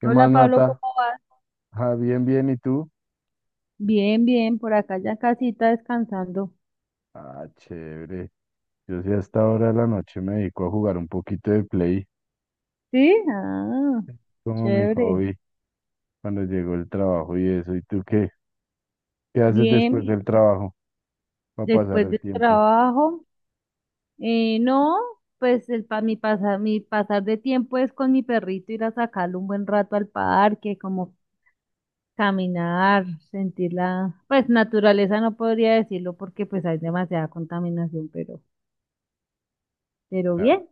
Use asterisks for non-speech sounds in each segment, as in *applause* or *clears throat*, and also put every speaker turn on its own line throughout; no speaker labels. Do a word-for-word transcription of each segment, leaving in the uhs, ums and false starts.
¿Qué
Hola
más,
Pablo,
Nata?
¿cómo vas?
Ah, bien, bien, ¿y tú?
Bien, bien, por acá ya casita descansando.
Ah, chévere. Yo sí a esta hora de la noche me dedico a jugar un poquito de play,
¿Sí? Ah,
como mi
chévere.
hobby, cuando llegó el trabajo y eso. ¿Y tú qué? ¿Qué haces después
Bien,
del trabajo para pasar
después
el
del
tiempo?
trabajo. Eh, no, pues el pa mi pasar, mi pasar de tiempo es con mi perrito ir a sacarlo un buen rato al parque, como caminar, sentir la, pues naturaleza no podría decirlo porque pues hay demasiada contaminación, pero, pero
Ah,
bien.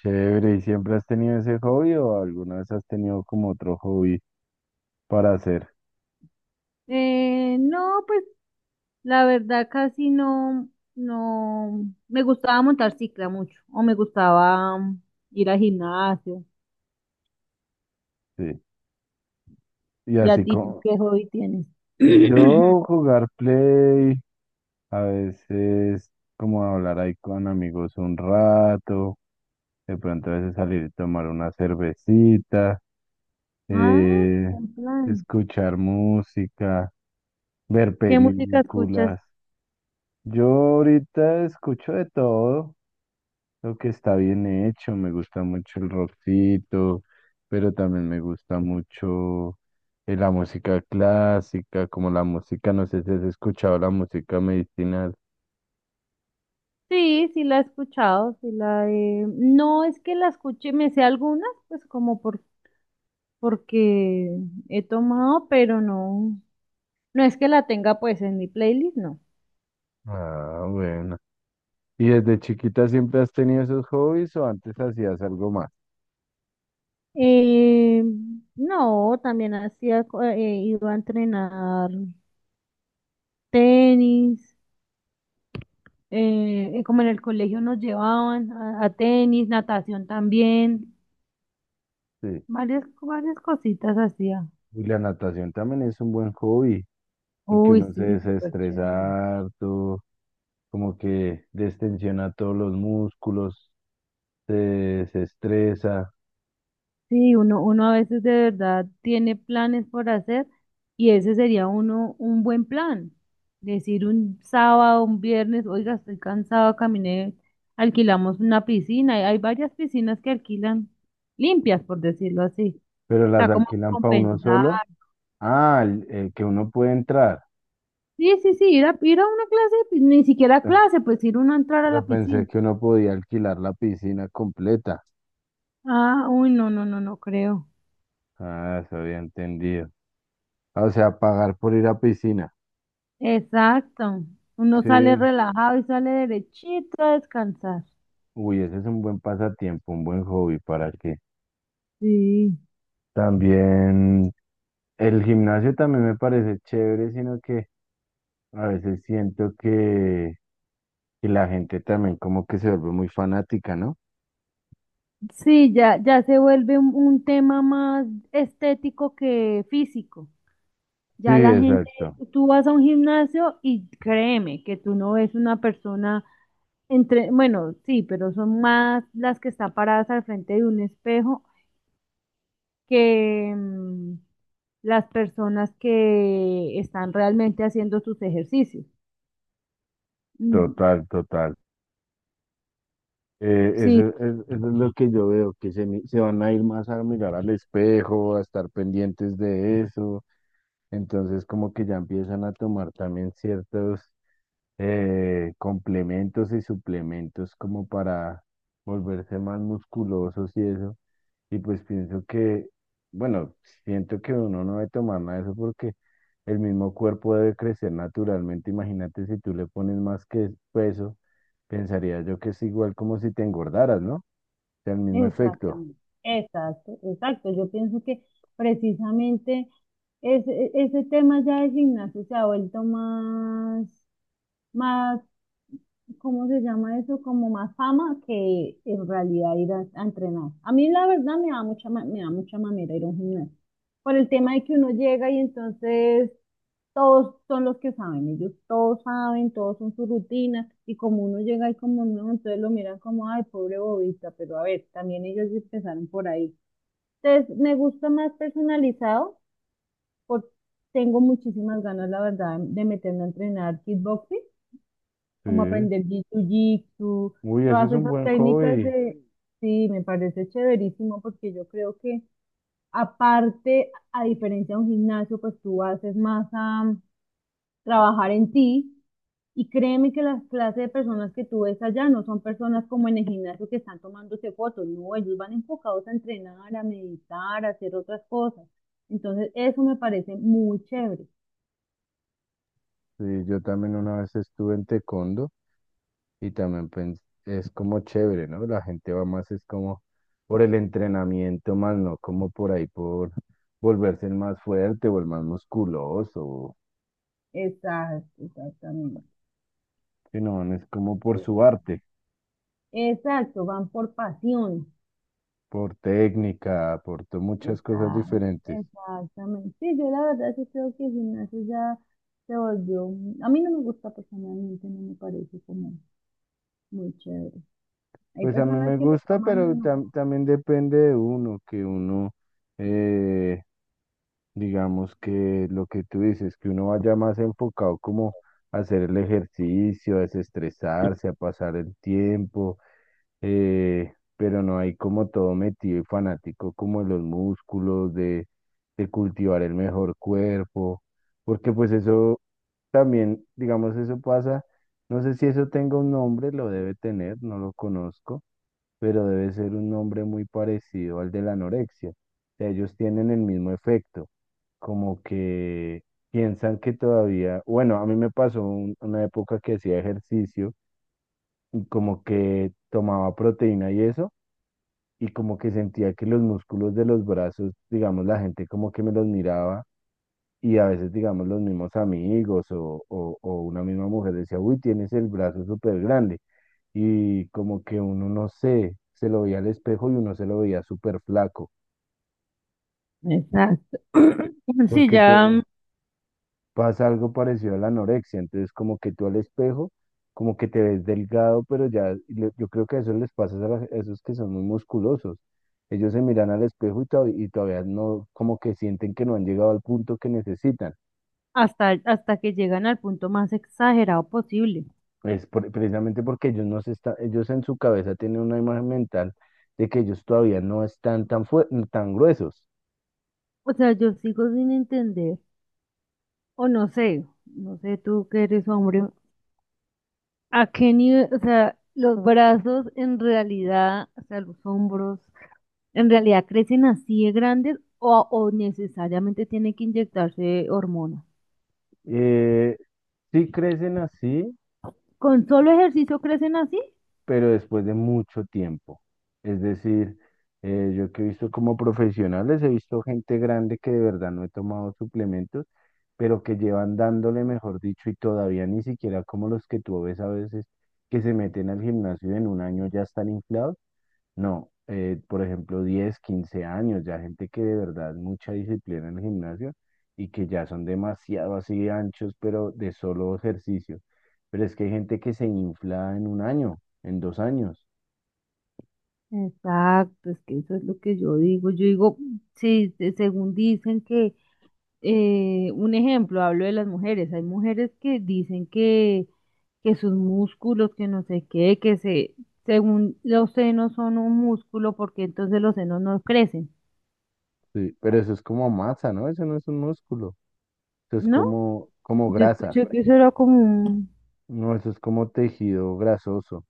chévere, ¿y siempre has tenido ese hobby o alguna vez has tenido como otro hobby para hacer?
Eh, no, pues la verdad, casi no, no, me gustaba montar cicla mucho, o me gustaba mm, ir al gimnasio.
Sí. Y
¿Y a
así
ti, tú
como
qué hobby tienes? *coughs*
yo jugar play, a veces como hablar ahí con amigos un rato. De pronto a veces salir y tomar una cervecita,
*clears throat* Ah,
eh,
en plan.
escuchar música, ver
¿Qué música escuchas?
películas. Yo ahorita escucho de todo lo que está bien hecho. Me gusta mucho el rockcito, pero también me gusta mucho eh, la música clásica, como la música, no sé si has escuchado la música medicinal.
Sí, sí la he escuchado, sí la he... No es que la escuche, me sé algunas, pues como por, porque he tomado, pero no, no es que la tenga pues en mi playlist, no.
Ah, bueno. ¿Y desde chiquita siempre has tenido esos hobbies o antes hacías algo más?
Eh, no, también hacía, co- eh, iba a entrenar tenis, eh, eh, como en el colegio nos llevaban a, a tenis, natación también,
Sí.
varias, varias cositas hacía.
Y la natación también es un buen hobby, porque
Uy,
uno se
sí, súper chévere.
desestresa harto, como que destensiona todos los músculos, se desestresa,
Sí, uno, uno a veces de verdad tiene planes por hacer y ese sería uno un buen plan. Decir un sábado, un viernes, oiga, estoy cansado, caminé, alquilamos una piscina. Hay, hay varias piscinas que alquilan limpias, por decirlo así.
pero
Está
las
como
alquilan para uno
compensar.
solo. Ah, el, el que uno puede entrar.
Sí, sí, sí, ir a, ir a una clase, de pi- ni siquiera clase, pues ir uno a entrar a la
Pero
piscina.
pensé que uno podía alquilar la piscina completa.
Ah, uy, no, no, no, no creo.
Ah, eso había entendido. Ah, o sea, pagar por ir a piscina.
Exacto. Uno
Sí,
sale
es-
relajado y sale derechito a descansar.
Uy, ese es un buen pasatiempo, un buen hobby para qué
Sí.
también. El gimnasio también me parece chévere, sino que a veces siento que, que la gente también como que se vuelve muy fanática, ¿no?
Sí, ya, ya se vuelve un, un tema más estético que físico.
Sí,
Ya la gente,
exacto.
tú vas a un gimnasio y créeme que tú no ves una persona entre, bueno, sí, pero son más las que están paradas al frente de un espejo que mm, las personas que están realmente haciendo sus ejercicios. Mm,
Total, total. Eh, eso,
sí,
es eso es lo que yo veo, que se, mi- se van a ir más a mirar al espejo, a estar pendientes de eso. Entonces, como que ya empiezan a tomar también ciertos eh, complementos y suplementos como para volverse más musculosos y eso. Y pues pienso que, bueno, siento que uno no debe tomar nada de eso porque el mismo cuerpo debe crecer naturalmente. Imagínate si tú le pones más que peso, pensaría yo que es igual como si te engordaras, ¿no? Sea el mismo efecto.
exactamente, exacto, exacto. Yo pienso que precisamente ese, ese tema ya de gimnasio se ha vuelto más, más, ¿cómo se llama eso? Como más fama que en realidad ir a, a entrenar. A mí la verdad me da mucha, ma- me da mucha mamera ir a un gimnasio. Por el tema de que uno llega y entonces todos son los que saben, ellos todos saben, todos son su rutina, y como uno llega y como no, entonces lo miran como, ay, pobre bobista, pero a ver, también ellos empezaron por ahí. Entonces, me gusta más personalizado, porque tengo muchísimas ganas, la verdad, de meterme a entrenar kickboxing, como
Sí.
aprender jiu-jitsu,
Uy, ese es
todas
un
esas
buen
técnicas
hobby.
de, sí, me parece chéverísimo, porque yo creo que, aparte, a diferencia de un gimnasio, pues tú haces más trabajar en ti. Y créeme que las clases de personas que tú ves allá no son personas como en el gimnasio que están tomándose fotos, no, ellos van enfocados a entrenar, a meditar, a hacer otras cosas. Entonces, eso me parece muy chévere.
Sí, yo también una vez estuve en taekwondo y también pens- es como chévere, ¿no? La gente va más, es como por el entrenamiento, más no como por ahí, por *laughs* volverse el más fuerte o el más musculoso,
Exacto, exactamente.
sino es como por su arte,
Exacto, van por pasión.
por técnica, por to- muchas cosas
Exacto,
diferentes.
exactamente. Sí, yo la verdad sí creo que el gimnasio ya se volvió. A mí no me gusta personalmente, no me parece como muy chévere. Hay
Pues a mí
personas
me
que lo
gusta,
toman
pero
en
tam- también depende de uno, que uno... eh, digamos que lo que tú dices, que uno vaya más enfocado como a hacer el ejercicio, a desestresarse, a pasar el tiempo, eh, pero no hay como todo metido y fanático como en los músculos, de, de cultivar el mejor cuerpo, porque pues eso también, digamos, eso pasa, no sé si eso tenga un nombre, lo debe tener, no lo conozco, pero debe ser un nombre muy parecido al de la anorexia. O sea, ellos tienen el mismo efecto, como que piensan que todavía, bueno, a mí me pasó un- una época que hacía ejercicio y como que tomaba proteína y eso, y como que sentía que los músculos de los brazos, digamos, la gente como que me los miraba y a veces, digamos, los mismos amigos o, o, o una misma mujer decía, uy, tienes el brazo súper grande, y como que uno no sé, se lo veía al espejo y uno se lo veía súper flaco,
exacto. Sí,
porque te,
ya mm,
pasa algo parecido a la anorexia, entonces como que tú al espejo, como que te ves delgado, pero ya le- yo creo que eso les pasa a, las- a esos que son muy musculosos. Ellos se miran al espejo y, to- y todavía no, como que sienten que no han llegado al punto que necesitan.
hasta, hasta que llegan al punto más exagerado posible.
Es por- precisamente porque ellos no se están, ellos en su cabeza tienen una imagen mental de que ellos todavía no están tan, fue- tan gruesos.
O sea, yo sigo sin entender, o no sé, no sé tú que eres hombre, a qué nivel, o sea, los brazos en realidad, o sea, los hombros, en realidad crecen así de grandes o, o necesariamente tienen que inyectarse hormonas.
Eh, sí crecen así,
¿Con solo ejercicio crecen así?
pero después de mucho tiempo. Es decir, eh, yo que he visto como profesionales, he visto gente grande que de verdad no he tomado suplementos, pero que llevan dándole, mejor dicho, y todavía ni siquiera como los que tú ves a veces que se meten al gimnasio y en un año ya están inflados. No, eh, por ejemplo, diez quince años, ya gente que de verdad mucha disciplina en el gimnasio y que ya son demasiado así anchos, pero de solo ejercicio. Pero es que hay gente que se infla en un año, en dos años.
Exacto, es que eso es lo que yo digo. Yo digo, sí, se- según dicen que eh, un ejemplo, hablo de las mujeres. Hay mujeres que dicen que, que sus músculos, que no sé qué, que se, según los senos son un músculo, porque entonces los senos no crecen,
Sí, pero eso es como masa, ¿no? Eso no es un músculo. Eso es
¿no?
como, como
Yo
grasa.
escuché que eso era como un...
No, eso es como tejido grasoso.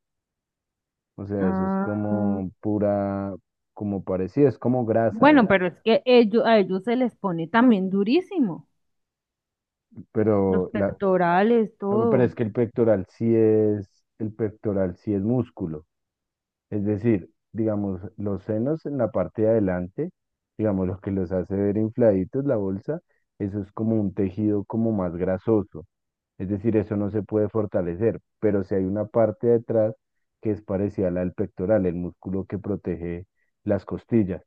O sea, eso es
Ah,
como pura, como parecido, es como grasa,
bueno, pero es que ellos, a ellos se les pone también durísimo, los
pero la,
pectorales,
no, pero
todo.
es que el pectoral sí es, el pectoral sí es músculo. Es decir, digamos, los senos en la parte de adelante, digamos, lo que los hace ver infladitos, la bolsa, eso es como un tejido como más grasoso. Es decir, eso no se puede fortalecer, pero si hay una parte detrás que es parecida a la del pectoral, el músculo que protege las costillas.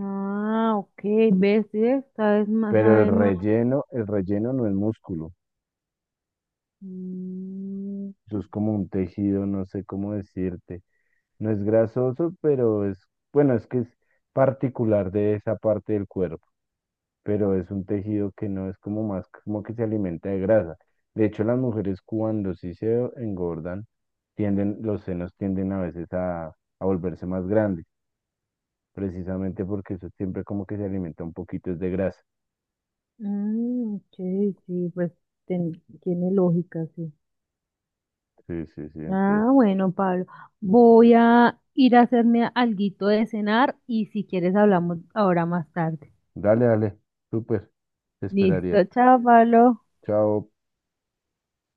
Ah, ok, ves, esta vez más,
Pero el
sabes más.
relleno, el relleno no es músculo,
Mm,
eso es como un tejido, no sé cómo decirte. No es grasoso, pero es, bueno, es que es particular de esa parte del cuerpo, pero es un tejido que no es como más, como que se alimenta de grasa. De hecho, las mujeres cuando sí se engordan, tienden, los senos tienden a veces a, a volverse más grandes, precisamente porque eso siempre como que se alimenta un poquito es de grasa.
mm, ok, sí, pues ten- tiene lógica, sí.
Sí, sí, sí, entonces,
Ah, bueno, Pablo, voy a ir a hacerme alguito de cenar y si quieres hablamos ahora más tarde.
dale, dale, súper, te esperaría.
Listo, chao, Pablo.
Chao.